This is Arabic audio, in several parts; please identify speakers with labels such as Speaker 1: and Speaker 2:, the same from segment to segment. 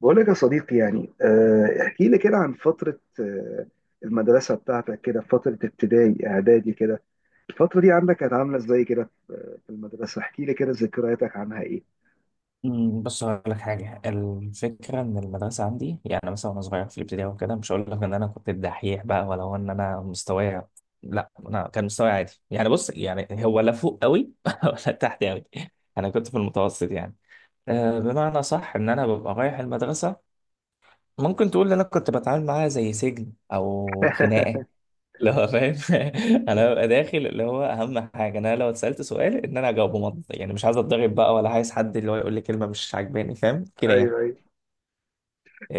Speaker 1: بقول لك يا صديقي يعني احكي لي كده عن فترة المدرسة بتاعتك كده، فترة ابتدائي إعدادي كده. الفترة دي عندك كانت عاملة ازاي كده في المدرسة؟ احكي لي كده ذكرياتك عنها ايه.
Speaker 2: بص هقول لك حاجة. الفكرة إن المدرسة عندي، يعني مثلا وأنا صغير في الابتدائي وكده، مش هقول لك إن أنا كنت الدحيح بقى، ولا هو إن أنا مستواي لا أنا كان مستواي عادي يعني. بص، يعني هو لا فوق قوي ولا تحت قوي، أنا كنت في المتوسط يعني. أه، بمعنى صح إن أنا ببقى رايح المدرسة. ممكن تقول إن أنا كنت بتعامل معاها زي سجن أو خناقة، اللي هو فاهم. انا ببقى داخل، اللي هو اهم حاجه انا لو اتسالت سؤال ان انا اجاوبه منطقي، يعني مش عايز اتضرب بقى، ولا عايز حد اللي هو يقول لي كلمه مش عجباني، فاهم كده يعني.
Speaker 1: ايوه، ايوه.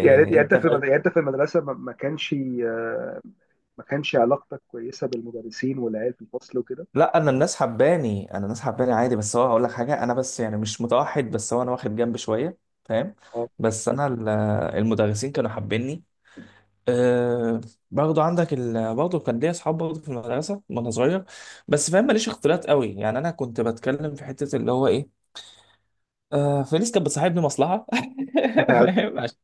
Speaker 1: يعني يعني
Speaker 2: انت فاهم.
Speaker 1: يعني انت في المدرسه آه، ما كانش علاقتك كويسه بالمدرسين والعيال في الفصل وكده؟
Speaker 2: لا، انا الناس حباني، عادي، بس هو هقول لك حاجه، انا بس يعني مش متوحد، بس هو انا واخد جنب شويه، فاهم.
Speaker 1: اه.
Speaker 2: بس انا ال- المدرسين كانوا حابيني. أه، برضه عندك ال... برضه كان ليا اصحاب برضه في المدرسه وانا صغير. بس فاهم، ماليش اختلاط قوي يعني، انا كنت بتكلم في حته اللي هو ايه، فلوس. كانت بتصاحبني مصلحة فاهم، عشان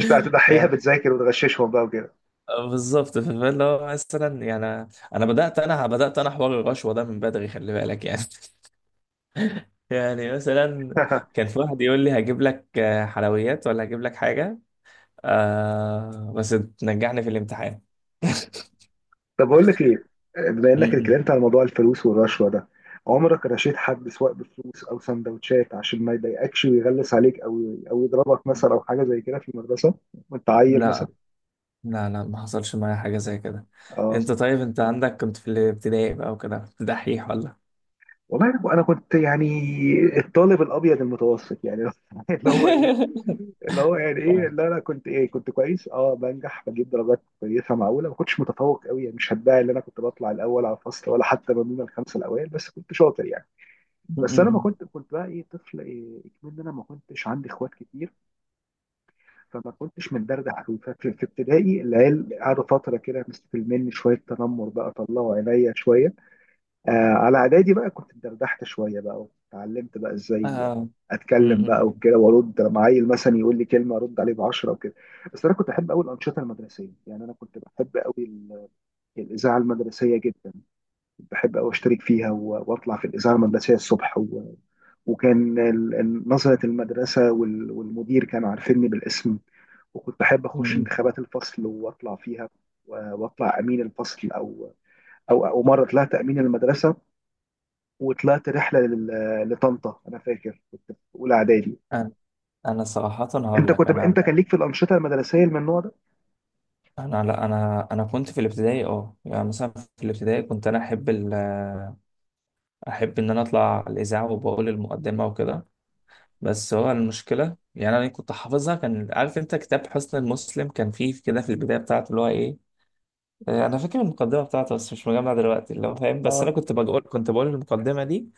Speaker 1: كنت هتضحيها
Speaker 2: يعني.
Speaker 1: بتذاكر وتغششهم بقى وكده.
Speaker 2: بالظبط. فاللي هو مثلا يعني، انا حوار الرشوة ده من بدري، خلي بالك يعني. يعني مثلا كان في واحد يقول لي هجيب لك، حلويات، ولا هجيب لك حاجة، آه، بس تنجحني في الامتحان.
Speaker 1: طب اقول لك ايه، بما انك
Speaker 2: م-
Speaker 1: اتكلمت على موضوع الفلوس والرشوه ده، عمرك رشيت حد سواء بفلوس او سندوتشات عشان ما يضايقكش ويغلس عليك او يضربك
Speaker 2: م.
Speaker 1: مثلا او حاجه زي كده في المدرسه وانت عيل مثلا؟
Speaker 2: لا، لا، ما حصلش معايا حاجة زي كده.
Speaker 1: اه.
Speaker 2: انت طيب، انت عندك كنت في الابتدائي بقى وكده، كنت دحيح ولا؟
Speaker 1: والله انا كنت يعني الطالب الابيض المتوسط يعني. اللي هو ايه، اللي هو يعني ايه، لا انا كنت كويس، بنجح بجيب درجات كويسه معقوله، ما كنتش متفوق قوي يعني، مش هدعي ان انا كنت بطلع الاول على الفصل ولا حتى ما بين الخمسه الاوائل، بس كنت شاطر يعني.
Speaker 2: م- م-
Speaker 1: بس انا ما
Speaker 2: م.
Speaker 1: كنت كنت بقى طفل، كمان انا ما كنتش عندي اخوات كتير. فما كنتش متدردح قوي، ففي ابتدائي العيال قعدوا فتره كده مستقل مني شويه، تنمر بقى، طلعوا عينيا شويه. على اعدادي بقى كنت اتدردحت شويه بقى، واتعلمت بقى ازاي
Speaker 2: آه. م-
Speaker 1: اتكلم بقى
Speaker 2: م-
Speaker 1: وكده، وارد لما عيل مثلا يقول لي كلمه ارد عليه بعشره وكده. بس انا كنت احب قوي الانشطه المدرسيه يعني، انا كنت بحب قوي الاذاعه المدرسيه جدا. بحب أوي أشترك فيها وأطلع في الإذاعة المدرسية الصبح وكان نظرة المدرسة والمدير كانوا عارفيني بالاسم. وكنت بحب
Speaker 2: م-
Speaker 1: أخش
Speaker 2: م.
Speaker 1: انتخابات الفصل وأطلع فيها وأطلع أمين الفصل أو أو مرة طلعت أمين المدرسة. وطلعت رحلة لطنطا، أنا فاكر كنت في أولى إعدادي.
Speaker 2: أنا أنا صراحة هقول لك، أنا
Speaker 1: أنت كان ليك في الأنشطة المدرسية من النوع ده؟
Speaker 2: أنا لا، أنا كنت في الابتدائي، أه يعني مثلا في الابتدائي كنت أنا أحب أحب إن أنا أطلع الإذاعة وبقول المقدمة وكده. بس هو المشكلة يعني، أنا كنت حافظها، كان عارف أنت كتاب حسن المسلم؟ كان فيه كده في البداية بتاعته، اللي هو إيه، أنا فاكر المقدمة بتاعته، بس مش مجمع دلوقتي، اللي هو فاهم. بس
Speaker 1: اه.
Speaker 2: أنا كنت بقول المقدمة دي،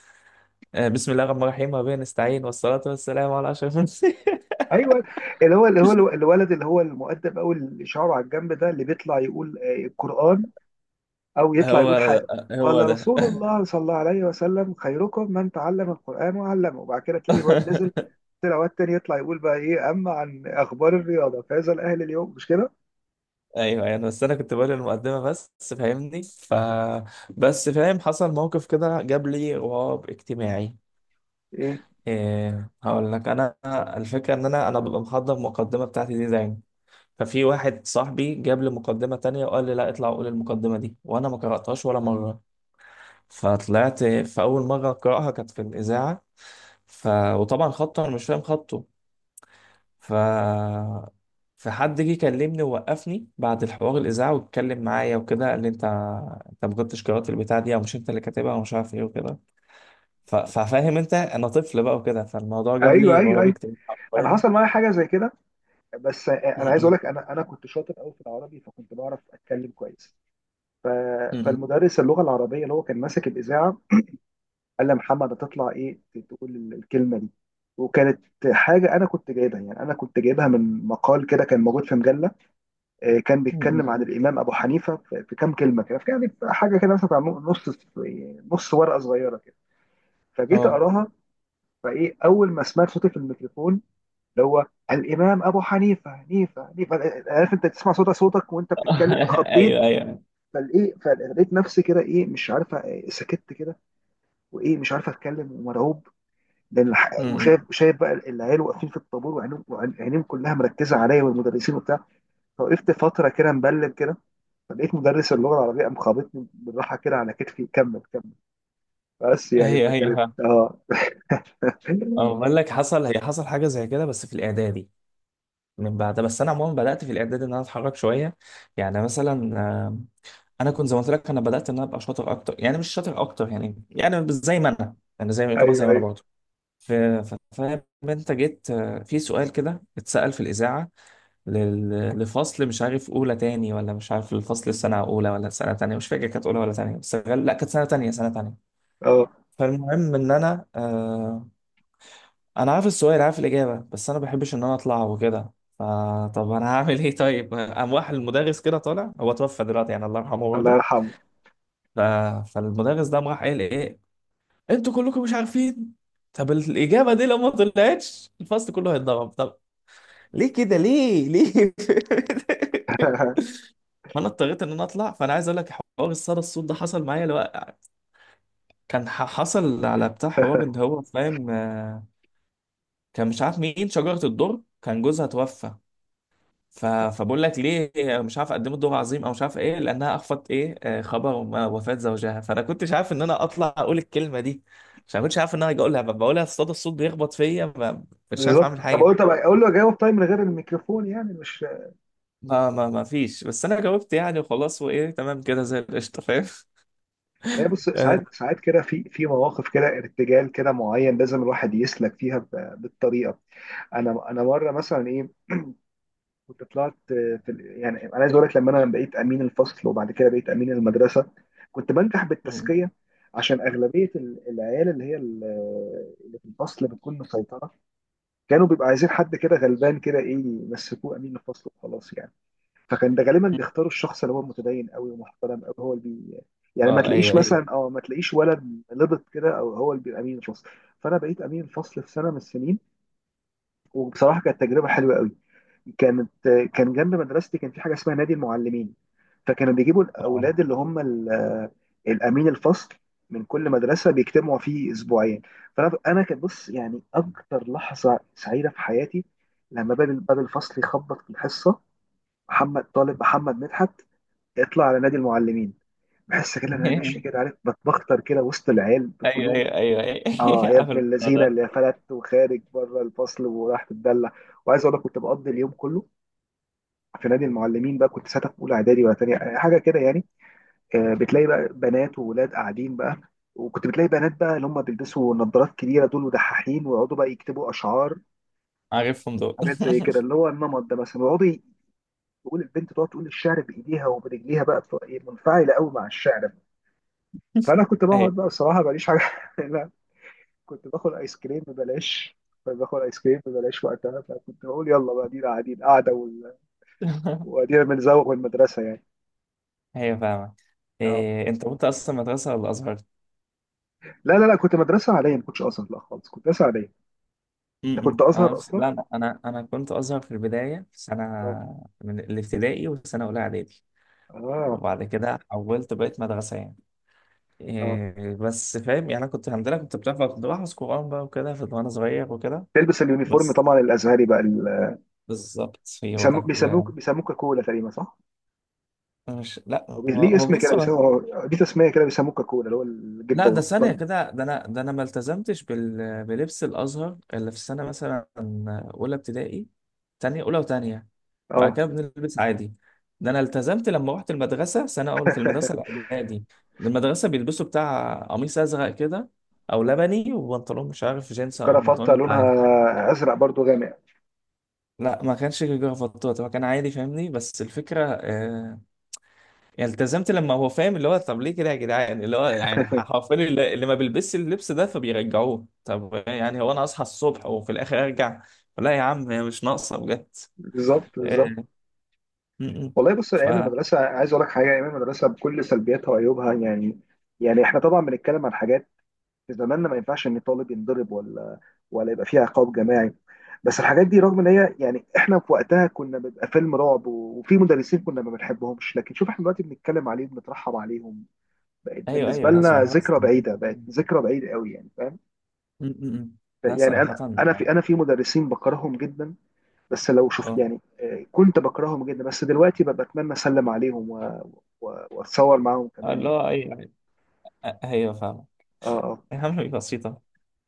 Speaker 2: آه، بسم الله الرحمن الرحيم وبه نستعين، والصلاة والسلام على أشرف المرسلين.
Speaker 1: ايوه. اللي هو الولد اللي هو المؤدب او اللي شعره على الجنب ده اللي بيطلع يقول القرآن أو يطلع
Speaker 2: هو
Speaker 1: يقول حاجة. قال
Speaker 2: هو ده.
Speaker 1: رسول الله صلى الله عليه وسلم: خيركم من تعلم القرآن وعلمه. وبعد كده تلاقي الواد نزل، طلع واد تاني يطلع يقول بقى أما عن أخبار الرياضة فهذا الأهل اليوم، مش كده؟
Speaker 2: ايوه يعني، بس انا كنت بقول المقدمه بس، فاهمني. ف بس فاهم، حصل موقف كده جاب لي غراب اجتماعي.
Speaker 1: إيه،
Speaker 2: إيه، هقول لك انا. الفكره ان انا ببقى محضر المقدمه بتاعتي دي دايما. ففي واحد صاحبي جاب لي مقدمه تانية وقال لي لا اطلع قول المقدمه دي، وانا ما قراتهاش ولا مره. فطلعت في اول مره اقراها كانت في الاذاعه. ف وطبعا خطه، انا مش فاهم خطه. ف فحد جه كلمني ووقفني بعد الحوار الاذاعه واتكلم معايا وكده، قال لي انت، انت ما كنتش قرات البتاع دي، او مش انت اللي كاتبها، ومش عارف ايه وكده. ف... ففاهم انت، انا طفل بقى وكده، فالموضوع جاب
Speaker 1: أيوه،
Speaker 2: لي
Speaker 1: أيوه،
Speaker 2: رهاب
Speaker 1: أيوه،
Speaker 2: اجتماعي
Speaker 1: أنا
Speaker 2: حرفيا.
Speaker 1: حصل معايا حاجة زي كده. بس أنا
Speaker 2: م-
Speaker 1: عايز أقول
Speaker 2: م-
Speaker 1: لك أنا كنت شاطر أوي في العربي، فكنت بعرف أتكلم كويس. ف...
Speaker 2: م-
Speaker 1: فالمدرس اللغة العربية اللي هو كان ماسك الإذاعة قال لي: يا محمد، هتطلع تقول الكلمة دي. وكانت حاجة أنا كنت جايبها يعني، أنا كنت جايبها من مقال كده كان موجود في مجلة، كان
Speaker 2: م- م.
Speaker 1: بيتكلم عن الامام ابو حنيفه في كام كلمه كده، في يعني في حاجه كده مثلا بتاع نص، نص ورقه صغيره كده. فجيت
Speaker 2: اه.
Speaker 1: اقراها، اول ما سمعت صوتي في الميكروفون، اللي هو الامام ابو حنيفه حنيفه حنيفه. عارف انت تسمع صوتك وانت بتتكلم،
Speaker 2: ايوه
Speaker 1: اتخضيت.
Speaker 2: ايوه.
Speaker 1: فلقيت نفسي كده مش عارفه، سكت كده، مش عارفه اتكلم ومرعوب. لان
Speaker 2: م- م.
Speaker 1: وشايف بقى العيال واقفين في الطابور وعينيهم كلها مركزه عليا والمدرسين وبتاع. فوقفت فتره كده مبلم كده، فلقيت مدرس اللغه العربيه قام خابطني بالراحه كده على كتفي: كمل كمل. بس يعني
Speaker 2: هي
Speaker 1: فكانت
Speaker 2: فاهم. اه، بقول لك حصل، حصل حاجه زي كده بس في الاعدادي من بعد. بس انا عموما بدات في الاعدادي ان انا اتحرك شويه، يعني مثلا، آه، انا كنت زي ما قلت لك، انا بدات ان انا ابقى شاطر اكتر، يعني مش شاطر اكتر، يعني يعني زي ما انا، انا زي ما يعتبر زي
Speaker 1: ايوه،
Speaker 2: ما انا
Speaker 1: ايوه.
Speaker 2: برضه. فاهم انت، جيت في سؤال كده اتسال في الاذاعه لفصل، مش عارف اولى تاني، ولا مش عارف الفصل السنه اولى ولا سنه تانية، مش فاكر كانت اولى ولا تانية، بس لا كانت سنه تانية،
Speaker 1: اه.
Speaker 2: فالمهم ان انا، انا عارف السؤال عارف الاجابه، بس انا ما بحبش ان انا اطلع وكده. فطب انا هعمل ايه؟ طيب قام راح المدرس كده طالع، هو توفى دلوقتي يعني، الله يرحمه
Speaker 1: الله
Speaker 2: برضه.
Speaker 1: يرحمه.
Speaker 2: ف... فالمدرس ده قام راح قال ايه، انتوا كلكم مش عارفين؟ طب الاجابه دي لو ما طلعتش، الفصل كله هيتضرب. طب ليه كده، ليه؟ فانا اضطريت ان انا اطلع. فانا عايز اقول لك، حوار الصدى الصوت ده حصل معايا. لو كان حصل على بتاع حوار ان هو فاهم، كان مش عارف مين شجره الدر، كان جوزها توفى. ف... فبقول لك ليه، مش عارف اقدمه دور عظيم، او مش عارف ايه، لانها اخفت ايه، خبر وفاة زوجها. فانا كنتش عارف ان انا اطلع اقول الكلمه دي، مش أنا كنتش عارف ان انا هاجي اقولها. بقولها، الصدى الصوت بيخبط فيا. مش عارف
Speaker 1: بالظبط.
Speaker 2: اعمل
Speaker 1: طب اقول
Speaker 2: حاجه.
Speaker 1: طب اقول له اجاوب طيب من غير الميكروفون يعني، مش.
Speaker 2: ما فيش، بس انا جاوبت يعني وخلاص، وايه تمام كده زي القشطه، فاهم.
Speaker 1: لا بص،
Speaker 2: اه.
Speaker 1: ساعات ساعات كده في مواقف كده ارتجال كده معين، لازم الواحد يسلك فيها بالطريقه. انا مره مثلا كنت طلعت يعني انا عايز اقول لك، لما انا بقيت امين الفصل وبعد كده بقيت امين المدرسه، كنت بنجح
Speaker 2: م.
Speaker 1: بالتزكيه. عشان اغلبيه العيال اللي في الفصل بتكون مسيطره، كانوا بيبقى عايزين حد كده غلبان كده يمسكوه امين الفصل وخلاص يعني. فكان ده غالبا بيختاروا الشخص اللي هو متدين قوي ومحترم قوي، هو اللي يعني
Speaker 2: ايوه ايوه.
Speaker 1: ما تلاقيش ولد لبط كده او هو اللي بيبقى امين الفصل. فانا بقيت امين الفصل في سنه من السنين، وبصراحه كانت تجربه حلوه قوي. كانت كان جنب مدرستي كان في حاجه اسمها نادي المعلمين، فكانوا بيجيبوا
Speaker 2: اه.
Speaker 1: الاولاد اللي هم الامين الفصل من كل مدرسه، بيجتمعوا فيه اسبوعين. فانا كانت، بص يعني، اكتر لحظه سعيده في حياتي لما باب الفصل يخبط في الحصه: محمد طالب محمد مدحت يطلع على نادي المعلمين. بحس كده إن انا ماشي كده، عارف، بتبختر كده وسط العيال
Speaker 2: ايوه
Speaker 1: كلهم.
Speaker 2: ايوه ايوه ايوه
Speaker 1: اه يا
Speaker 2: عارف
Speaker 1: ابن
Speaker 2: الموضوع
Speaker 1: اللذينه
Speaker 2: ده،
Speaker 1: اللي فلت وخارج بره الفصل وراح تتدلع. وعايز اقول لك كنت بقضي اليوم كله في نادي المعلمين بقى، كنت ساعتها في اولى اعدادي ولا تانية، حاجه كده يعني. بتلاقي بقى بنات وولاد قاعدين بقى، وكنت بتلاقي بنات بقى اللي هم بيلبسوا نظارات كبيره دول ودحاحين ويقعدوا بقى يكتبوا اشعار،
Speaker 2: عارفهم دول.
Speaker 1: حاجات زي كده اللي هو النمط ده مثلا، ويقعدوا تقول البنت تقعد تقول الشعر بايديها وبرجليها بقى، بتبقى منفعله قوي مع الشعر. فانا كنت بقعد
Speaker 2: ايوه.
Speaker 1: بقى، بصراحه ماليش حاجه. كنت باخد ايس كريم ببلاش. كنت باخد ايس كريم ببلاش وقتها، فكنت بقول يلا بقى ادينا قاعدين قاعده وادينا بنزوغ من المدرسه يعني.
Speaker 2: ايوه فاهمك.
Speaker 1: اه.
Speaker 2: إيه، انت كنت اصلا مدرسه ولا ازهر؟
Speaker 1: لا، لا، لا، كنت مدرسه عاديه، ما كنتش ازهر، لا خالص، كنت مدرسه عاديه. انت كنت
Speaker 2: انا
Speaker 1: ازهر اصلا.
Speaker 2: لا، انا، كنت ازهر في البدايه، في سنه
Speaker 1: اه،
Speaker 2: من الابتدائي وسنه اولى اعدادي،
Speaker 1: اه،
Speaker 2: وبعد كده حولت بقيت مدرسه يعني.
Speaker 1: اه.
Speaker 2: إيه بس فاهم يعني، انا كنت الحمد لله كنت بتعرف، كنت بحفظ قران بقى وكده وانا صغير وكده.
Speaker 1: تلبس اليونيفورم
Speaker 2: بس
Speaker 1: طبعا الازهري بقى
Speaker 2: بالظبط، هو ده. لا،
Speaker 1: بيسموك كولا تقريبا، صح؟
Speaker 2: مش لا، هو
Speaker 1: ليه
Speaker 2: هو
Speaker 1: اسم كده
Speaker 2: بص، هو
Speaker 1: بيسموه، دي تسميه كده بيسموك كولا، اللي هو
Speaker 2: لا.
Speaker 1: الجبه
Speaker 2: ده ثانية
Speaker 1: والقطن.
Speaker 2: كده، ده أنا، ده أنا ما التزمتش بال... بلبس الأزهر إلا في السنة مثلا أولى ابتدائي، تانية، أولى وتانية. بعد
Speaker 1: اه،
Speaker 2: كده بنلبس عادي. ده أنا التزمت لما رحت المدرسة سنة أولى في المدرسة الإعدادي. المدرسة بيلبسوا بتاع قميص أزرق كده، أو لبني، وبنطلون مش عارف جينز أو
Speaker 1: وكرافته
Speaker 2: البنطلون العادي.
Speaker 1: لونها ازرق برضو غامق.
Speaker 2: لا ما كانش جرافطات، هو كان عادي فاهمني. بس الفكرة، يعني التزمت لما هو فاهم، اللي هو طب ليه كده يا جدعان، اللي هو يعني حرفيا، اللي ما بيلبسش اللبس ده فبيرجعوه. طب يعني هو انا اصحى الصبح وفي الاخر ارجع؟ لا يا عم، هي مش ناقصه بجد.
Speaker 1: بالظبط،
Speaker 2: آه،
Speaker 1: بالظبط.
Speaker 2: م- م.
Speaker 1: والله بص،
Speaker 2: ف
Speaker 1: ايام المدرسه، عايز اقول لك حاجه، ايام المدرسه بكل سلبياتها وعيوبها يعني احنا طبعا بنتكلم عن حاجات في زماننا ما ينفعش ان طالب ينضرب، ولا يبقى فيها عقاب جماعي. بس الحاجات دي رغم ان هي، يعني احنا في وقتها كنا بيبقى فيلم رعب، وفي مدرسين كنا ما بنحبهمش، لكن شوف احنا دلوقتي بنتكلم عليهم بنترحم عليهم. بقت
Speaker 2: ايوه
Speaker 1: بالنسبه
Speaker 2: ايوه، لا
Speaker 1: لنا
Speaker 2: صراحه.
Speaker 1: ذكرى
Speaker 2: م-
Speaker 1: بعيده، بقت ذكرى بعيده قوي يعني، فاهم؟
Speaker 2: م. لا
Speaker 1: يعني
Speaker 2: صراحه
Speaker 1: انا في مدرسين بكرههم جدا، بس لو شوف
Speaker 2: اه.
Speaker 1: يعني، كنت بكرههم جدا بس دلوقتي ببقى اتمنى اسلم عليهم واتصور معاهم كمان
Speaker 2: اللي هو
Speaker 1: يعني.
Speaker 2: ايوه، ايوه فاهم.
Speaker 1: اه، اه.
Speaker 2: يا عم بسيطه.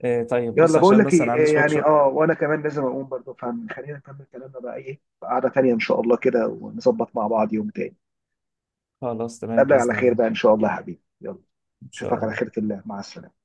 Speaker 2: طيب بص،
Speaker 1: يلا بقول
Speaker 2: عشان
Speaker 1: لك
Speaker 2: بس انا
Speaker 1: ايه،
Speaker 2: عندي شويه
Speaker 1: يعني،
Speaker 2: شغل.
Speaker 1: وانا كمان لازم اقوم برضه، فخلينا نكمل كلامنا بقى في قعدة تانية ان شاء الله كده، ونظبط مع بعض يوم تاني.
Speaker 2: خلاص تمام
Speaker 1: قبل على
Speaker 2: باذن
Speaker 1: خير
Speaker 2: الله.
Speaker 1: بقى ان شاء الله يا حبيبي، يلا،
Speaker 2: ان شاء
Speaker 1: اشوفك على خيرة
Speaker 2: الله.
Speaker 1: الله، مع السلامة.